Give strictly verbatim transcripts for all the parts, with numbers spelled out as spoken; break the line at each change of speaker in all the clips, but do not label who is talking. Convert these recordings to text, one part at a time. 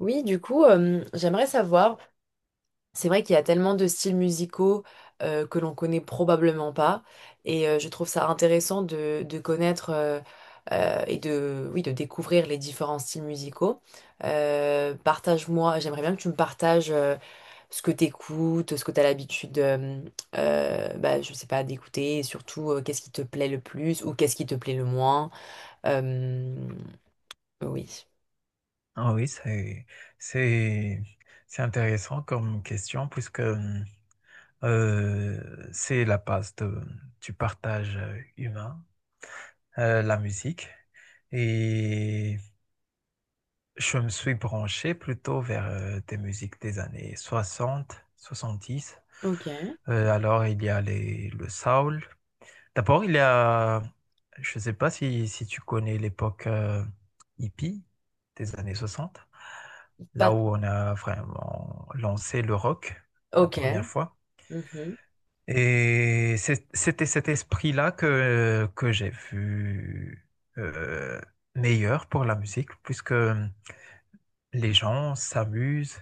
Oui, du coup, euh, j'aimerais savoir, c'est vrai qu'il y a tellement de styles musicaux euh, que l'on connaît probablement pas, et euh, je trouve ça intéressant de, de connaître euh, euh, et de, oui, de découvrir les différents styles musicaux. Euh, partage-moi, j'aimerais bien que tu me partages euh, ce que tu écoutes, ce que tu as l'habitude, euh, euh, bah, je sais pas, d'écouter, et surtout euh, qu'est-ce qui te plaît le plus ou qu'est-ce qui te plaît le moins. Euh, oui.
Ah oui, c'est, c'est, c'est intéressant comme question puisque hum, euh, c'est la base de, du partage humain, euh, la musique. Et je me suis branché plutôt vers euh, des musiques des années soixante soixante-dix.
Ok.
Euh, alors il y a les, le soul. D'abord, il y a, je ne sais pas si, si tu connais l'époque euh, hippie des années soixante, là
Pas...
où on a vraiment lancé le rock la
Ok.
première fois.
Mhm.
Et c'est- c'était cet esprit-là que, que j'ai vu euh, meilleur pour la musique, puisque les gens s'amusent,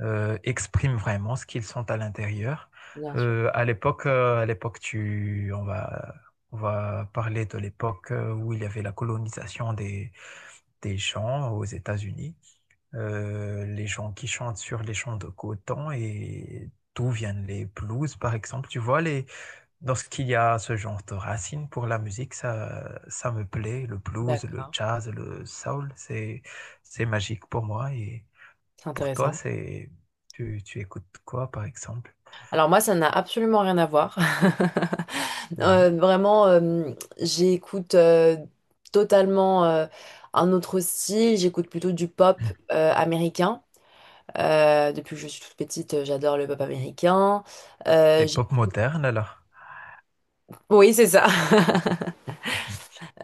euh, expriment vraiment ce qu'ils sont à l'intérieur.
Bien sûr.
Euh, à l'époque, euh, à l'époque, tu, on va, on va parler de l'époque euh, où il y avait la colonisation des, des gens aux États-Unis. Euh, les gens qui chantent sur les champs de coton et d'où viennent les blues, par exemple. Tu vois, les... lorsqu'il y a ce genre de racines pour la musique, ça, ça me plaît. Le blues, le
D'accord,
jazz, le soul, c'est, c'est magique pour moi. Et
c'est
pour toi,
intéressant.
c'est, tu, tu écoutes quoi, par exemple?
Alors moi, ça n'a absolument rien à voir.
Mhm.
Euh, vraiment, euh, j'écoute euh, totalement euh, un autre style. J'écoute plutôt du pop euh, américain. Euh, depuis que je suis toute petite, euh, j'adore le pop américain. Euh,
Des
j'éc-
pop modernes, alors?
oui, c'est ça.
Mhm.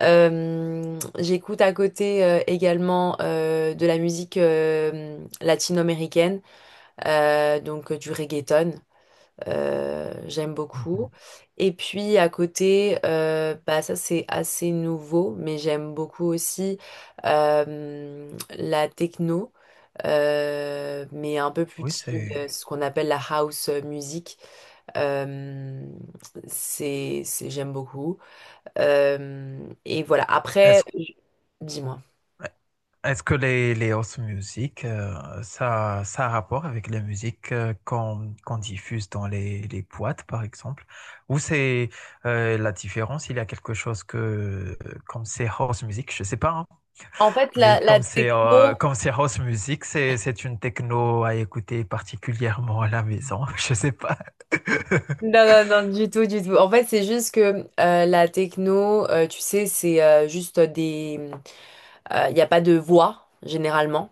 Euh, j'écoute à côté euh, également euh, de la musique euh, latino-américaine, euh, donc euh, du reggaeton. Euh, j'aime beaucoup.
Mhm.
Et puis à côté, euh, bah ça c'est assez nouveau, mais j'aime beaucoup aussi euh, la techno, euh, mais un peu plus
Oui,
chill,
c'est...
euh, ce qu'on appelle la house music. Euh, c'est, c'est- j'aime beaucoup. Euh, et voilà. Après,
Est-ce
je- dis-moi.
Est-ce que les, les house music, euh, ça, ça a rapport avec les musiques euh, qu'on qu'on diffuse dans les, les boîtes, par exemple? Ou c'est euh, la différence, il y a quelque chose que, euh, comme c'est house music, je sais pas, hein.
En fait,
Mais
la, la
comme c'est euh,
techno,
comme c'est house music, c'est c'est une techno à écouter particulièrement à la maison. Je sais pas.
non, non, non, du tout, du tout. En fait, c'est juste que euh, la techno, euh, tu sais, c'est euh, juste des, il n'y a pas de voix, généralement.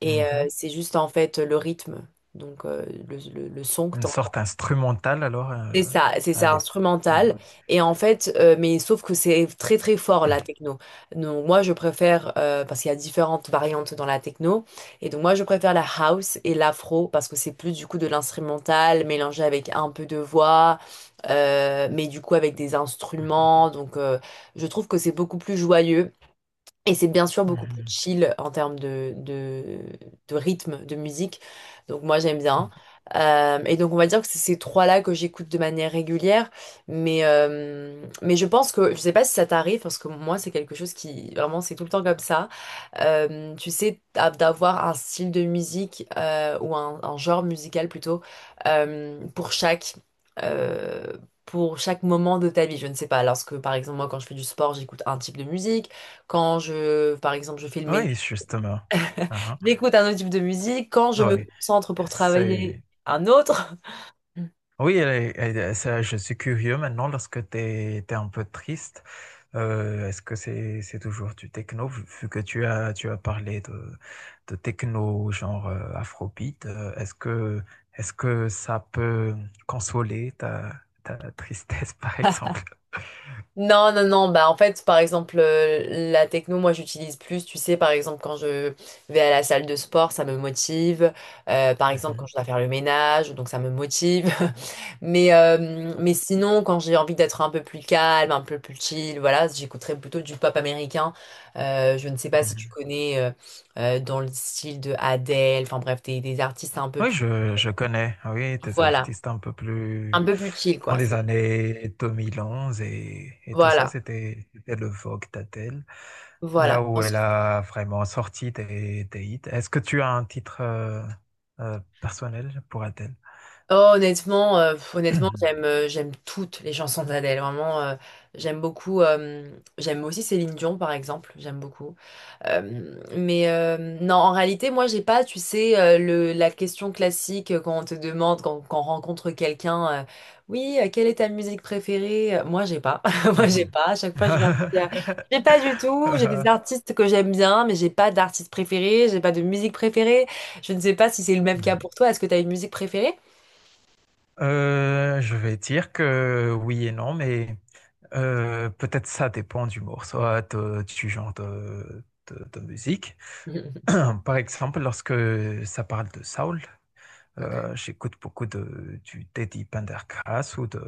Et euh,
Mhm.
c'est juste, en fait, le rythme. Donc, euh, le, le- le son que tu
Une sorte
entends.
instrumentale alors. Euh,
C'est ça, c'est ça,
allez. Ouais.
instrumental. Et en fait, euh, mais sauf que c'est très, très fort, la techno. Donc, moi, je préfère, euh, parce qu'il y a différentes variantes dans la techno. Et donc, moi, je préfère la house et l'afro, parce que c'est plus, du coup, de l'instrumental mélangé avec un peu de voix, euh, mais du coup, avec des instruments. Donc, euh, je trouve que c'est beaucoup plus joyeux. Et c'est bien sûr beaucoup plus
Mhm.
chill en termes de, de, de rythme, de musique. Donc moi j'aime bien.
Mhm.
Euh, et donc on va dire que c'est ces trois-là que j'écoute de manière régulière. Mais, euh, mais je pense que, je sais pas si ça t'arrive, parce que moi c'est quelque chose qui, vraiment c'est tout le temps comme ça euh, tu sais, d'a- d'avoir un style de musique euh, ou un, un genre musical plutôt euh, pour chaque euh, pour chaque moment de ta vie. Je ne sais pas, lorsque par exemple moi quand je fais du sport, j'écoute un type de musique. Quand je par exemple je fais le ménage,
Oui, justement. Ah, ah.
j'écoute un autre type de musique. Quand je
Ah
me
ouais.
concentre pour travailler,
C'est...
un autre.
Oui, elle est- elle est- ça, je suis curieux maintenant, lorsque tu es un peu triste, euh, est-ce que c'est c'est toujours du techno, vu vu que tu as, tu as parlé de, de techno genre euh, Afrobeat, euh, est-ce que, est-ce que ça peut consoler ta, ta tristesse, par exemple?
Non, non, non, bah en fait, par exemple, euh, la techno, moi j'utilise plus, tu sais, par exemple, quand je vais à la salle de sport, ça me motive. Euh, par exemple, quand
Mhm,
je dois faire le ménage, donc ça me motive, mais, euh, mais sinon, quand j'ai envie d'être un peu plus calme, un peu plus chill, voilà, j'écouterais plutôt du pop américain. Euh, je ne sais pas si tu
mhm.
connais euh, euh, dans le style de Adele, enfin bref, des, des artistes un peu
Oui,
plus,
je, je connais, oui, des
voilà,
artistes un peu
un
plus
peu plus chill,
dans
quoi. Ça-
les années deux mille onze et, et tout ça,
voilà,
c'était c'était le Vogue d'Adèle. Là
voilà.
où elle a vraiment sorti tes, tes hits. Est-ce que tu as un titre euh, euh, personnel pour Adele?
Oh, honnêtement, euh, pff, honnêtement, j'aime euh, j'aime toutes les chansons d'Adèle. Vraiment, euh, j'aime beaucoup. Euh, j'aime aussi Céline Dion, par exemple. J'aime beaucoup. Euh, mais euh, non, en réalité, moi, j'ai pas, tu sais, euh, le, la question classique euh, quand on te demande, quand, quand on rencontre quelqu'un, euh, oui, euh, quelle est ta musique préférée? Euh, Moi, j'ai pas. Moi, j'ai
Mhm.
pas. À chaque fois, je leur dis, euh, j'ai pas du tout. J'ai des artistes que j'aime bien, mais j'ai pas d'artiste préféré. J'ai pas de musique préférée. Je ne sais pas si c'est le même cas pour toi. Est-ce que tu as une musique préférée?
Euh, je vais dire que oui et non, mais euh, peut-être ça dépend du morceau, euh, de- du genre de, de- de musique. Par exemple, lorsque ça parle de Saul,
Ok.
Euh, j'écoute beaucoup de, du Teddy Pendergrass ou de,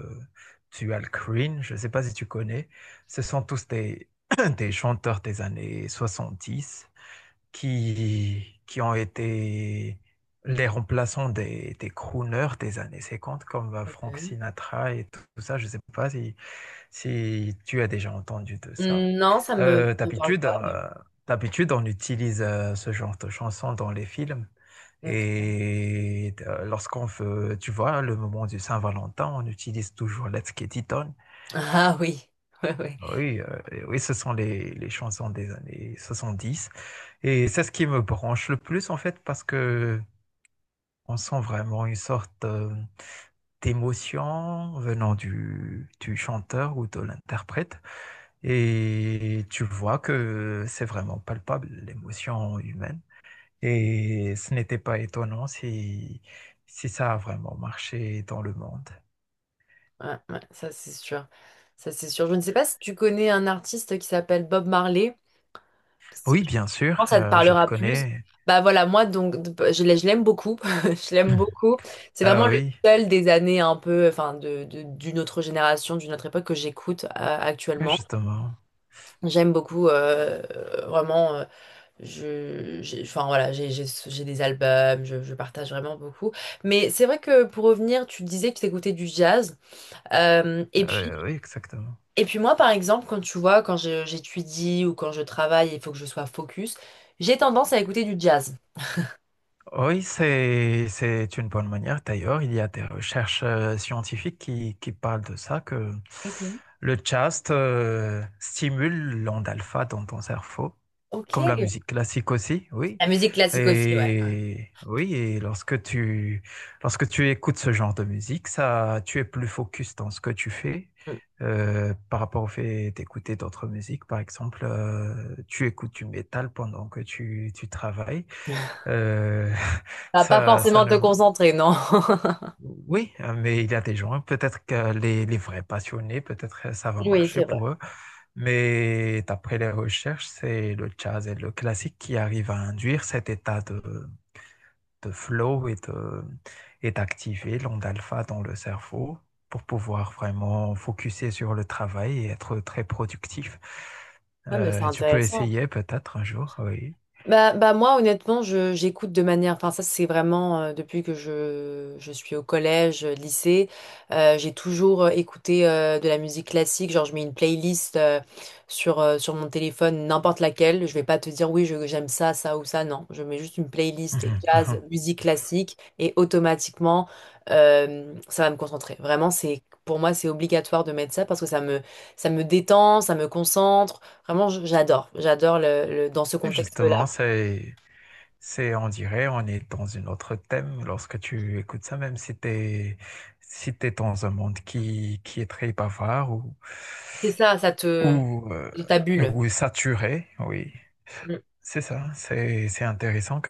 du Al Green. Je ne sais pas si tu connais. Ce sont tous des, des chanteurs des années soixante dix qui, qui ont été les remplaçants des, des crooners des années cinquante comme euh,
ok.
Frank Sinatra et tout, tout ça. Je ne sais pas si, si tu as déjà entendu de ça.
Hmm, Non, ça me, ça
Euh,
me parle
d'habitude,
pas.
euh, D'habitude, on utilise euh, ce genre de chansons dans les films.
Mais- ok.
Et euh, lorsqu'on veut, tu vois, le moment du Saint-Valentin, on utilise toujours Let's Get It On.
Ah oui, ouais, ouais.
Oui, euh, et oui, ce sont les, les chansons des années soixante-dix. Et c'est ce qui me branche le plus, en fait, parce que on sent vraiment une sorte euh, d'émotion venant du, du chanteur ou de l'interprète. Et tu vois que c'est vraiment palpable, l'émotion humaine. Et ce n'était pas étonnant si, si ça a vraiment marché dans le monde.
Ouais, ouais, ça c'est sûr. Ça c'est sûr. Je ne sais pas si tu connais un artiste qui s'appelle Bob Marley. Je
Oui, bien sûr,
pense que ça te
euh, je le
parlera plus.
connais.
Bah voilà, moi donc je l'ai- je l'aime beaucoup. Je l'aime beaucoup. C'est vraiment
Ah
le
oui,
seul des années un peu, enfin de, de- d'une autre génération, d'une autre époque que j'écoute euh,
oui,
actuellement.
justement.
J'aime beaucoup euh, vraiment. euh, Je, j'ai, enfin voilà, j'ai j'ai- j'ai des albums, je, je partage vraiment beaucoup. Mais c'est vrai que pour revenir, tu disais que tu écoutais du jazz. Euh, et puis,
Euh, oui, exactement.
et puis moi, par exemple, quand tu vois, quand je- j'étudie ou quand je travaille, il faut que je sois focus, j'ai tendance à écouter du jazz.
Oui, c'est, c'est une bonne manière. D'ailleurs, il y a des recherches euh, scientifiques qui, qui parlent de ça, que
Ok.
le chast euh, stimule l'onde alpha dans ton cerveau,
Ok.
comme la musique classique aussi, oui.
La musique classique aussi, ouais.
Et oui, et lorsque tu, lorsque tu écoutes ce genre de musique, ça, tu es plus focus dans ce que tu fais.
Mm.
Euh, par rapport au fait d'écouter d'autres musiques, par exemple, euh, tu écoutes du métal pendant que tu, tu travailles. Euh,
Ça va pas
ça, ça
forcément
ne...
te concentrer, non?
Oui, euh, mais il y a des gens, peut-être que les, les vrais passionnés, peut-être que ça va
Oui,
marcher
c'est vrai.
pour eux. Mais d'après les recherches, c'est le jazz et le classique qui arrivent à induire cet état de, de flow et de, et d'activer l'onde alpha dans le cerveau pour pouvoir vraiment focuser sur le travail et être très productif.
Ah, mais c'est
Euh, tu peux
intéressant.
essayer peut-être un jour, oui.
Bah, bah moi honnêtement je j'écoute de manière enfin ça c'est vraiment euh, depuis que je, je suis au collège euh, lycée euh, j'ai toujours euh, écouté euh, de la musique classique genre je mets une playlist euh, sur euh, sur mon téléphone n'importe laquelle je vais pas te dire oui je- j'aime ça ça ou ça non je mets juste une playlist
Mhm, mhm.
jazz musique classique et automatiquement euh, ça va me concentrer vraiment c'est pour moi c'est obligatoire de mettre ça parce que ça me ça me détend ça me concentre vraiment j- j'adore j'adore le le- dans ce
Et
contexte-là.
justement, c'est c'est, on dirait, on est dans une autre thème lorsque tu écoutes ça, même si t'es, si t'es dans un monde qui, qui est très bavard ou,
C'est ça, ça te...
ou, euh,
dans ta bulle.
ou saturé, oui.
Mm.
C'est ça, c'est, c'est intéressant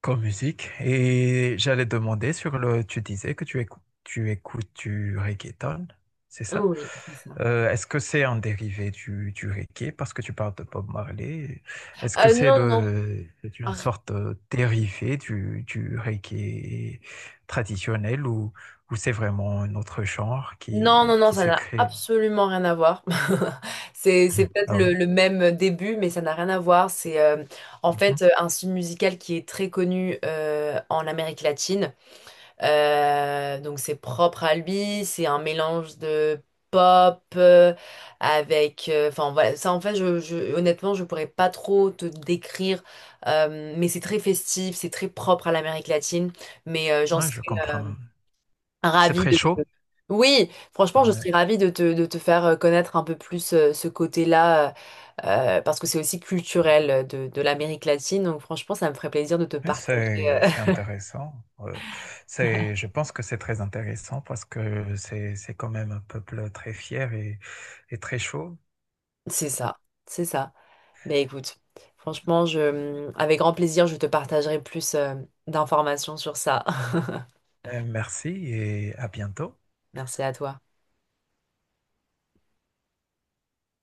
comme musique. Et j'allais demander sur le. Tu disais que tu écoutes, tu écoutes du reggaeton, c'est ça?
Oui, c'est ça.
Euh, est-ce que c'est un dérivé du, du reggae? Parce que tu parles de Bob Marley. Est-ce que
Euh,
c'est
non, non.
le, c'est une
Ar-
sorte de dérivé du, du reggae traditionnel ou, ou c'est vraiment un autre genre
Non, non,
qui,
non,
qui
ça
s'est
n'a
créé?
absolument rien à voir. C'est, c'est peut-être
Ah oui.
le, le même début, mais ça n'a rien à voir. C'est euh, en
Mhm.
fait euh, un style musical qui est très connu euh, en Amérique latine. Euh, donc c'est propre à lui, c'est un mélange de pop euh, avec... euh, Enfin voilà, ça en fait, je, je- honnêtement, je pourrais pas trop te décrire, euh, mais c'est très festif, c'est très propre à l'Amérique latine, mais euh, j'en
Ouais,
serais
je
euh,
comprends. C'est
ravie
très
de te...
chaud.
Oui, franchement, je
Ouais.
serais ravie de te, de te faire euh, connaître un peu plus euh, ce côté-là, euh, euh, parce que c'est aussi culturel euh, de, de l'Amérique latine, donc franchement, ça me ferait plaisir de te
Ouais,
partager.
C'est,
euh,
c'est intéressant. Euh, c'est, je pense que c'est très intéressant parce que c'est, c'est quand même un peuple très fier et, et très chaud.
C'est ça, c'est ça. Ben écoute, franchement, je, avec grand plaisir, je te partagerai plus euh, d'informations sur ça.
Euh, merci et à bientôt.
Merci à toi.